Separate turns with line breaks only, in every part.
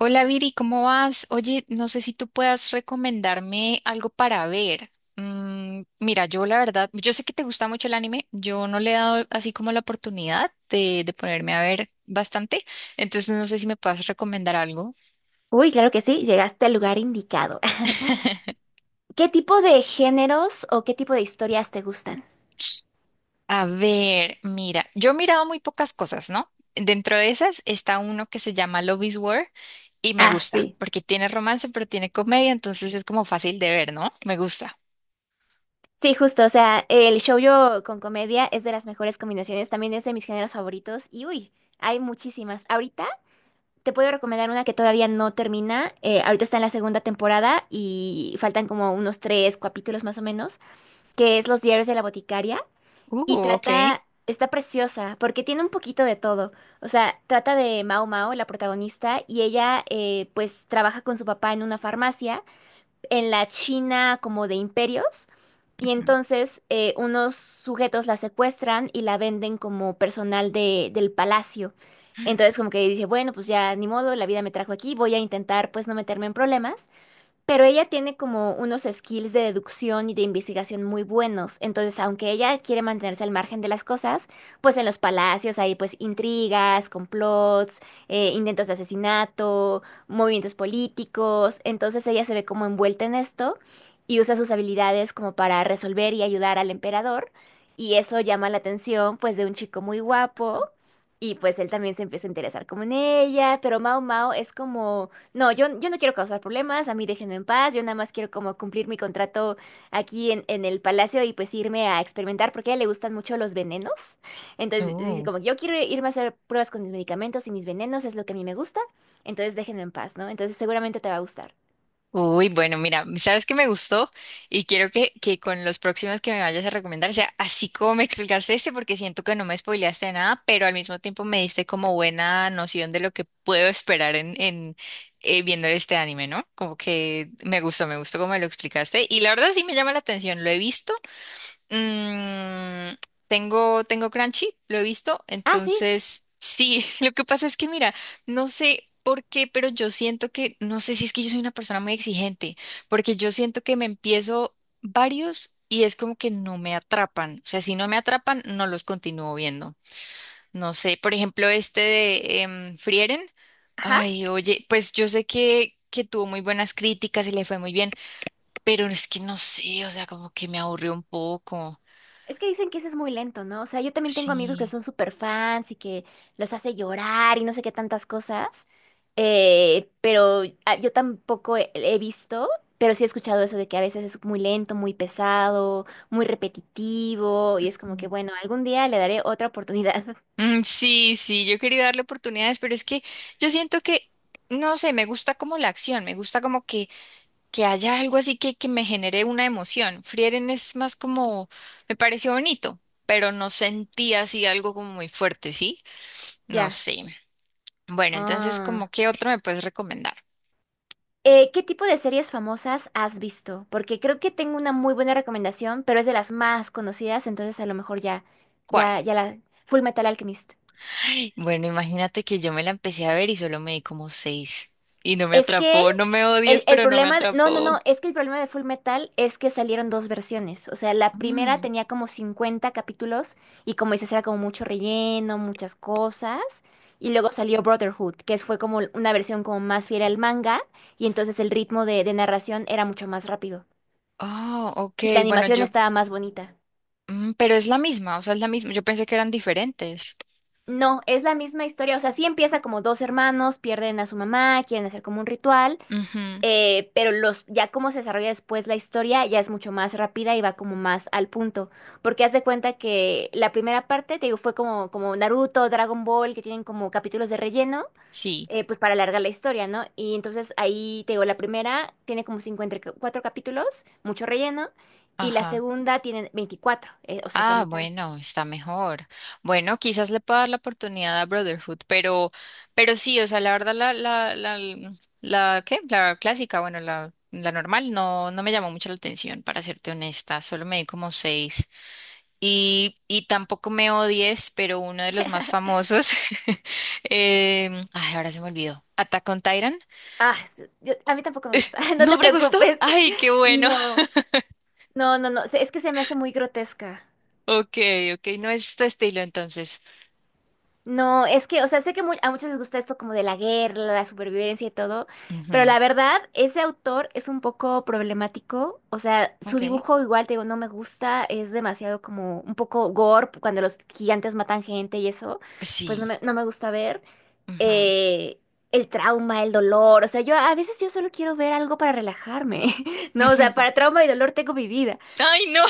Hola Viri, ¿cómo vas? Oye, no sé si tú puedas recomendarme algo para ver. Mira, yo la verdad, yo sé que te gusta mucho el anime, yo no le he dado así como la oportunidad de ponerme a ver bastante, entonces no sé si me puedas recomendar algo.
Uy, claro que sí, llegaste al lugar indicado. ¿Qué tipo de géneros o qué tipo de historias te gustan?
A ver, mira, yo he mirado muy pocas cosas, ¿no? Dentro de esas está uno que se llama Love is War y me
Ah,
gusta,
sí.
porque tiene romance, pero tiene comedia, entonces es como fácil de ver, ¿no? Me gusta.
Sí, justo, o sea, el shoujo con comedia es de las mejores combinaciones, también es de mis géneros favoritos y uy, hay muchísimas. Ahorita te puedo recomendar una que todavía no termina, ahorita está en la segunda temporada y faltan como unos tres capítulos más o menos, que es Los diarios de la boticaria. Y
Ok.
trata, está preciosa, porque tiene un poquito de todo. O sea, trata de Mao Mao, la protagonista, y ella pues trabaja con su papá en una farmacia, en la China como de imperios. Y
Ujú.
entonces unos sujetos la secuestran y la venden como personal del palacio. Entonces como que dice, bueno, pues ya ni modo, la vida me trajo aquí, voy a intentar pues no meterme en problemas. Pero ella tiene como unos skills de deducción y de investigación muy buenos. Entonces, aunque ella quiere mantenerse al margen de las cosas, pues en los palacios hay pues intrigas, complots, intentos de asesinato, movimientos políticos. Entonces ella se ve como envuelta en esto y usa sus habilidades como para resolver y ayudar al emperador. Y eso llama la atención pues de un chico muy guapo. Y pues él también se empieza a interesar como en ella. Pero Mao Mao es como no, yo no quiero causar problemas, a mí déjenme en paz, yo nada más quiero como cumplir mi contrato aquí en el palacio y pues irme a experimentar porque a ella le gustan mucho los venenos. Entonces dice
Uh.
como, yo quiero irme a hacer pruebas con mis medicamentos y mis venenos es lo que a mí me gusta, entonces déjenme en paz, ¿no? Entonces seguramente te va a gustar.
Uy, bueno, mira, ¿sabes que me gustó? Y quiero que con los próximos que me vayas a recomendar sea así como me explicaste este, porque siento que no me spoileaste de nada, pero al mismo tiempo me diste como buena noción de lo que puedo esperar en viendo este anime, ¿no? Como que me gustó como me lo explicaste. Y la verdad sí me llama la atención, lo he visto. Mm, tengo Crunchy, lo he visto,
Ah, sí,
entonces sí. Lo que pasa es que mira, no sé por qué, pero yo siento que, no sé si es que yo soy una persona muy exigente, porque yo siento que me empiezo varios y es como que no me atrapan, o sea, si no me atrapan, no los continúo viendo. No sé, por ejemplo, este de Frieren,
ajá.
ay, oye, pues yo sé que tuvo muy buenas críticas y le fue muy bien, pero es que no sé, o sea, como que me aburrió un poco.
Es que dicen que ese es muy lento, ¿no? O sea, yo también tengo amigos que
Sí.
son súper fans y que los hace llorar y no sé qué tantas cosas. Pero yo tampoco he visto, pero sí he escuchado eso de que a veces es muy lento, muy pesado, muy repetitivo y es como que,
Ujú.
bueno, algún día le daré otra oportunidad.
Sí, sí, yo quería darle oportunidades, pero es que yo siento que, no sé, me gusta como la acción, me gusta como que haya algo así que me genere una emoción. Frieren es más como, me pareció bonito, pero no sentí así algo como muy fuerte, ¿sí? No
Ya.
sé. Bueno, entonces,
Ah.
¿como qué otro me puedes recomendar?
¿Qué tipo de series famosas has visto? Porque creo que tengo una muy buena recomendación, pero es de las más conocidas, entonces a lo mejor ya,
¿Cuál?
ya, ya la... Full Metal Alchemist.
Bueno, imagínate que yo me la empecé a ver y solo me di como seis y no me
Es que
atrapó, no me
El,
odies,
el
pero no me
problema, no, no, no,
atrapó.
es que el problema de Full Metal es que salieron dos versiones. O sea, la primera tenía como 50 capítulos y como dices, era como mucho relleno, muchas cosas. Y luego salió Brotherhood, que fue como una versión como más fiel al manga y entonces el ritmo de narración era mucho más rápido.
Oh, ok.
Y la
Bueno,
animación
yo,
estaba más bonita.
pero es la misma, o sea, es la misma. Yo pensé que eran diferentes.
No, es la misma historia. O sea, sí empieza como dos hermanos, pierden a su mamá, quieren hacer como un ritual.
Ujú.
Ya cómo se desarrolla después la historia ya es mucho más rápida y va como más al punto. Porque haz de cuenta que la primera parte, te digo, fue como Naruto, Dragon Ball, que tienen como capítulos de relleno,
Sí,
pues para alargar la historia, ¿no? Y entonces ahí, te digo, la primera tiene como 54 capítulos, mucho relleno, y la
ajá.
segunda tiene 24 o sea, es la
Ah,
mitad.
bueno, está mejor. Bueno, quizás le pueda dar la oportunidad a Brotherhood, pero sí, o sea, la verdad, la, ¿qué? La clásica, bueno, la normal, no, no me llamó mucho la atención, para serte honesta. Solo me di como seis. Y tampoco me odies, pero uno de los más famosos. Ay, ahora se me olvidó. Attack on Titan.
Ah, a mí tampoco me gusta, no te
¿No te gustó?
preocupes.
Ay, qué bueno.
No, no, no, no, es que se me hace muy grotesca.
Ok, ok, no es tu estilo entonces.
No, es que, o sea, sé que a muchos les gusta esto como de la guerra, la supervivencia y todo, pero
Ujú.
la verdad, ese autor es un poco problemático, o sea, su
Ok.
dibujo igual, te digo, no me gusta, es demasiado como un poco gore, cuando los gigantes matan gente y eso, pues no
Sí.
me, no me gusta ver
Ujú.
eh, el trauma, el dolor, o sea, yo a veces yo solo quiero ver algo para relajarme, no, o sea, para trauma y dolor tengo mi vida.
Ay, no.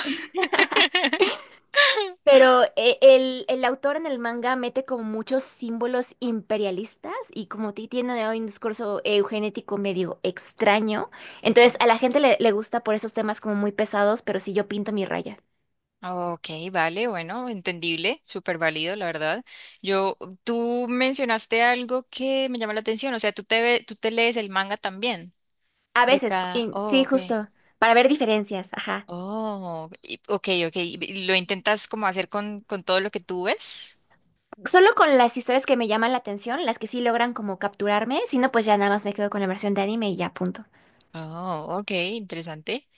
Pero el autor en el manga mete como muchos símbolos imperialistas y como ti tiene hoy un discurso eugenético medio extraño.
Ujú.
Entonces a la gente le gusta por esos temas como muy pesados, pero sí yo pinto mi raya.
Ok, vale, bueno, entendible, súper válido, la verdad. Yo, tú mencionaste algo que me llama la atención, o sea, tú te lees el manga también
A
de
veces,
cada. Oh,
sí,
ok.
justo, para ver diferencias, ajá.
Ok, ok. ¿Y lo intentas como hacer con todo lo que tú ves?
Solo con las historias que me llaman la atención, las que sí logran como capturarme, si no, pues ya nada más me quedo con la versión de anime y ya punto.
Oh, ok, interesante.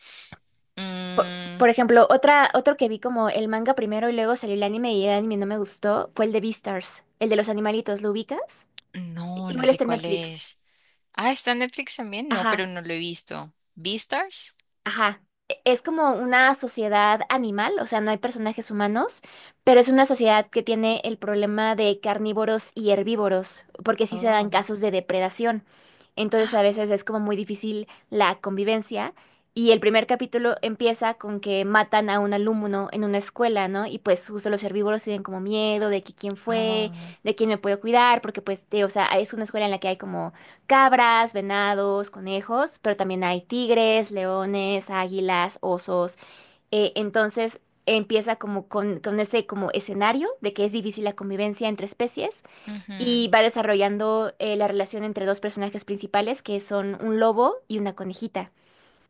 Por,
Mm,
por ejemplo, otro que vi como el manga primero y luego salió el anime y el anime no me gustó fue el de Beastars, el de los animalitos, ¿lo ubicas?
no, no
Igual
sé
está en
cuál
Netflix.
es. Ah, está en Netflix también. No, pero
Ajá.
no lo he visto. ¿Beastars?
Ajá. Es como una sociedad animal, o sea, no hay personajes humanos, pero es una sociedad que tiene el problema de carnívoros y herbívoros, porque sí se dan
Oh.
casos de depredación. Entonces a veces es como muy difícil la convivencia. Y el primer capítulo empieza con que matan a un alumno en una escuela, ¿no? Y pues justo los herbívoros tienen como miedo de que quién fue,
Ah, oh.
de quién me puedo cuidar, porque pues, o sea, es una escuela en la que hay como cabras, venados, conejos, pero también hay tigres, leones, águilas, osos. Entonces empieza como con, ese como escenario de que es difícil la convivencia entre especies
Ujú.
y va desarrollando la relación entre dos personajes principales que son un lobo y una conejita.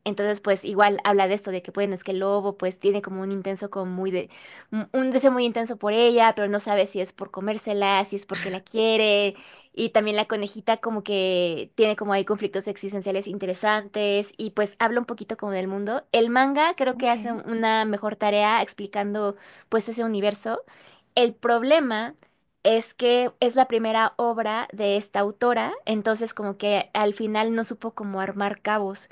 Entonces, pues igual habla de esto, de que bueno, es que el lobo pues tiene como un intenso, un deseo muy intenso por ella, pero no sabe si es por comérsela, si es porque la quiere. Y también la conejita como que tiene como hay conflictos existenciales interesantes y pues habla un poquito como del mundo. El manga creo que
Ok.
hace una mejor tarea explicando pues ese universo. El problema es que es la primera obra de esta autora, entonces como que al final no supo cómo armar cabos.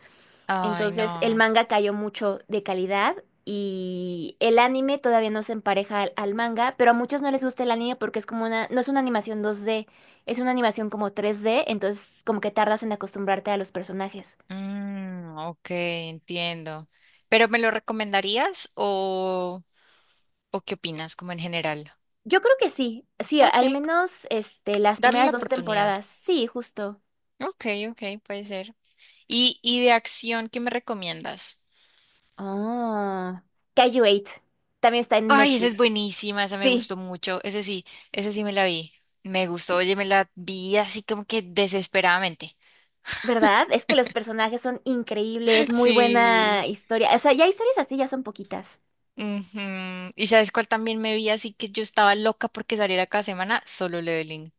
Ay,
Entonces, el
no.
manga cayó mucho de calidad y el anime todavía no se empareja al manga, pero a muchos no les gusta el anime porque es como una, no es una animación 2D, es una animación como 3D, entonces como que tardas en acostumbrarte a los personajes.
Mm, ok, entiendo. ¿Pero me lo recomendarías o qué opinas, como en general?
Yo creo que sí, sí,
Ok,
al
c-
menos este, las
Darle la
primeras dos
oportunidad.
temporadas, sí, justo.
Ok, ok, puede ser. Y de acción, qué me recomiendas?
Oh, Kaiju 8, también está en
Ay, esa es
Netflix.
buenísima, esa me
Sí.
gustó mucho. Ese sí me la vi. Me gustó, oye, me la vi así como que desesperadamente.
¿Verdad? Es que los personajes son increíbles, muy
Sí.
buena historia. O sea, ya historias así ya son poquitas.
Ujú. ¿Y sabes cuál también me vi así que yo estaba loca porque saliera cada semana? Solo Leveling.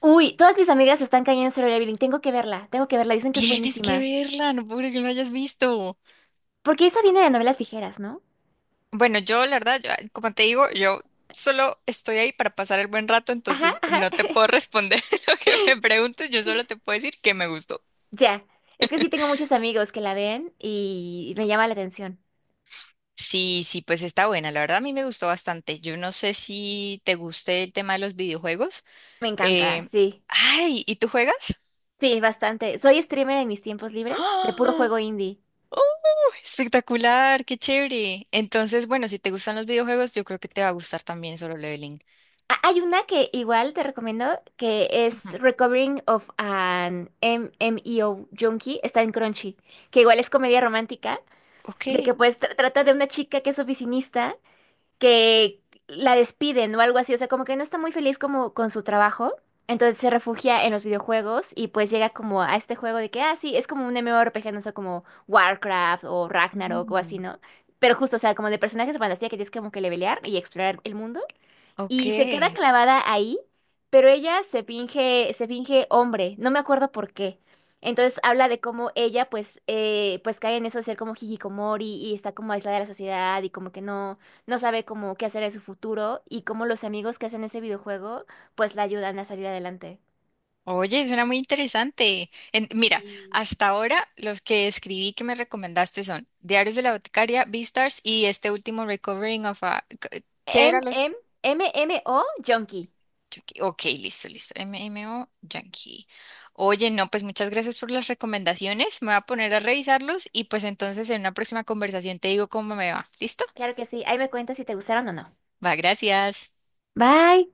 Uy, todas mis amigas están cayendo en Solo Leveling. Tengo que verla, tengo que verla. Dicen que es
Tienes que
buenísima.
verla, no puedo creer que no la hayas visto.
Porque esa viene de novelas ligeras, ¿no?
Bueno, yo la verdad, como te digo, yo solo estoy ahí para pasar el buen rato,
Ajá,
entonces
ajá.
no te puedo responder lo que me preguntes, yo solo te puedo decir que me gustó.
Ya. Es que sí tengo muchos amigos que la ven y me llama la atención.
Sí, sí, pues está buena. La verdad a mí me gustó bastante. Yo no sé si te guste el tema de los videojuegos.
Me encanta,
Eh,
sí.
Ay, ¿y tú juegas?
Sí, bastante. Soy streamer en mis tiempos libres de puro
¡Ah!
juego indie.
¡Oh, espectacular! ¡Qué chévere! Entonces, bueno, si te gustan los videojuegos, yo creo que te va a gustar también Solo Leveling.
Ah, hay una que igual te recomiendo que es
Ujú.
Recovering of an MMEO Junkie. Está en Crunchy. Que igual es comedia romántica.
Ok.
De que pues trata de una chica que es oficinista que la despiden o algo así, o sea, como que no está muy feliz como con su trabajo, entonces se refugia en los videojuegos y pues llega como a este juego de que, ah, sí, es como un MMORPG, no sé, como Warcraft o Ragnarok o así,
Mm,
¿no? Pero justo, o sea, como de personajes de fantasía que tienes como que levelear y explorar el mundo y se queda
ok.
clavada ahí, pero ella se finge hombre, no me acuerdo por qué. Entonces habla de cómo ella pues, pues cae en eso de ser como hikikomori y está como aislada de la sociedad y como que no, no sabe como qué hacer en su futuro y cómo los amigos que hacen ese videojuego pues la ayudan a salir adelante.
Oye, suena muy interesante. Mira,
Sí.
hasta ahora los que escribí que me recomendaste son Diarios de la Boticaria, Beastars y este último Recovering of a... ¿Qué era?
MMMMO Junkie.
Yankee. Ok, listo, listo. M O Yankee. Oye, no, pues muchas gracias por las recomendaciones. Me voy a poner a revisarlos y pues entonces en una próxima conversación te digo cómo me va. ¿Listo?
Claro que sí, ahí me cuentas si te gustaron o no.
Va, gracias.
Bye.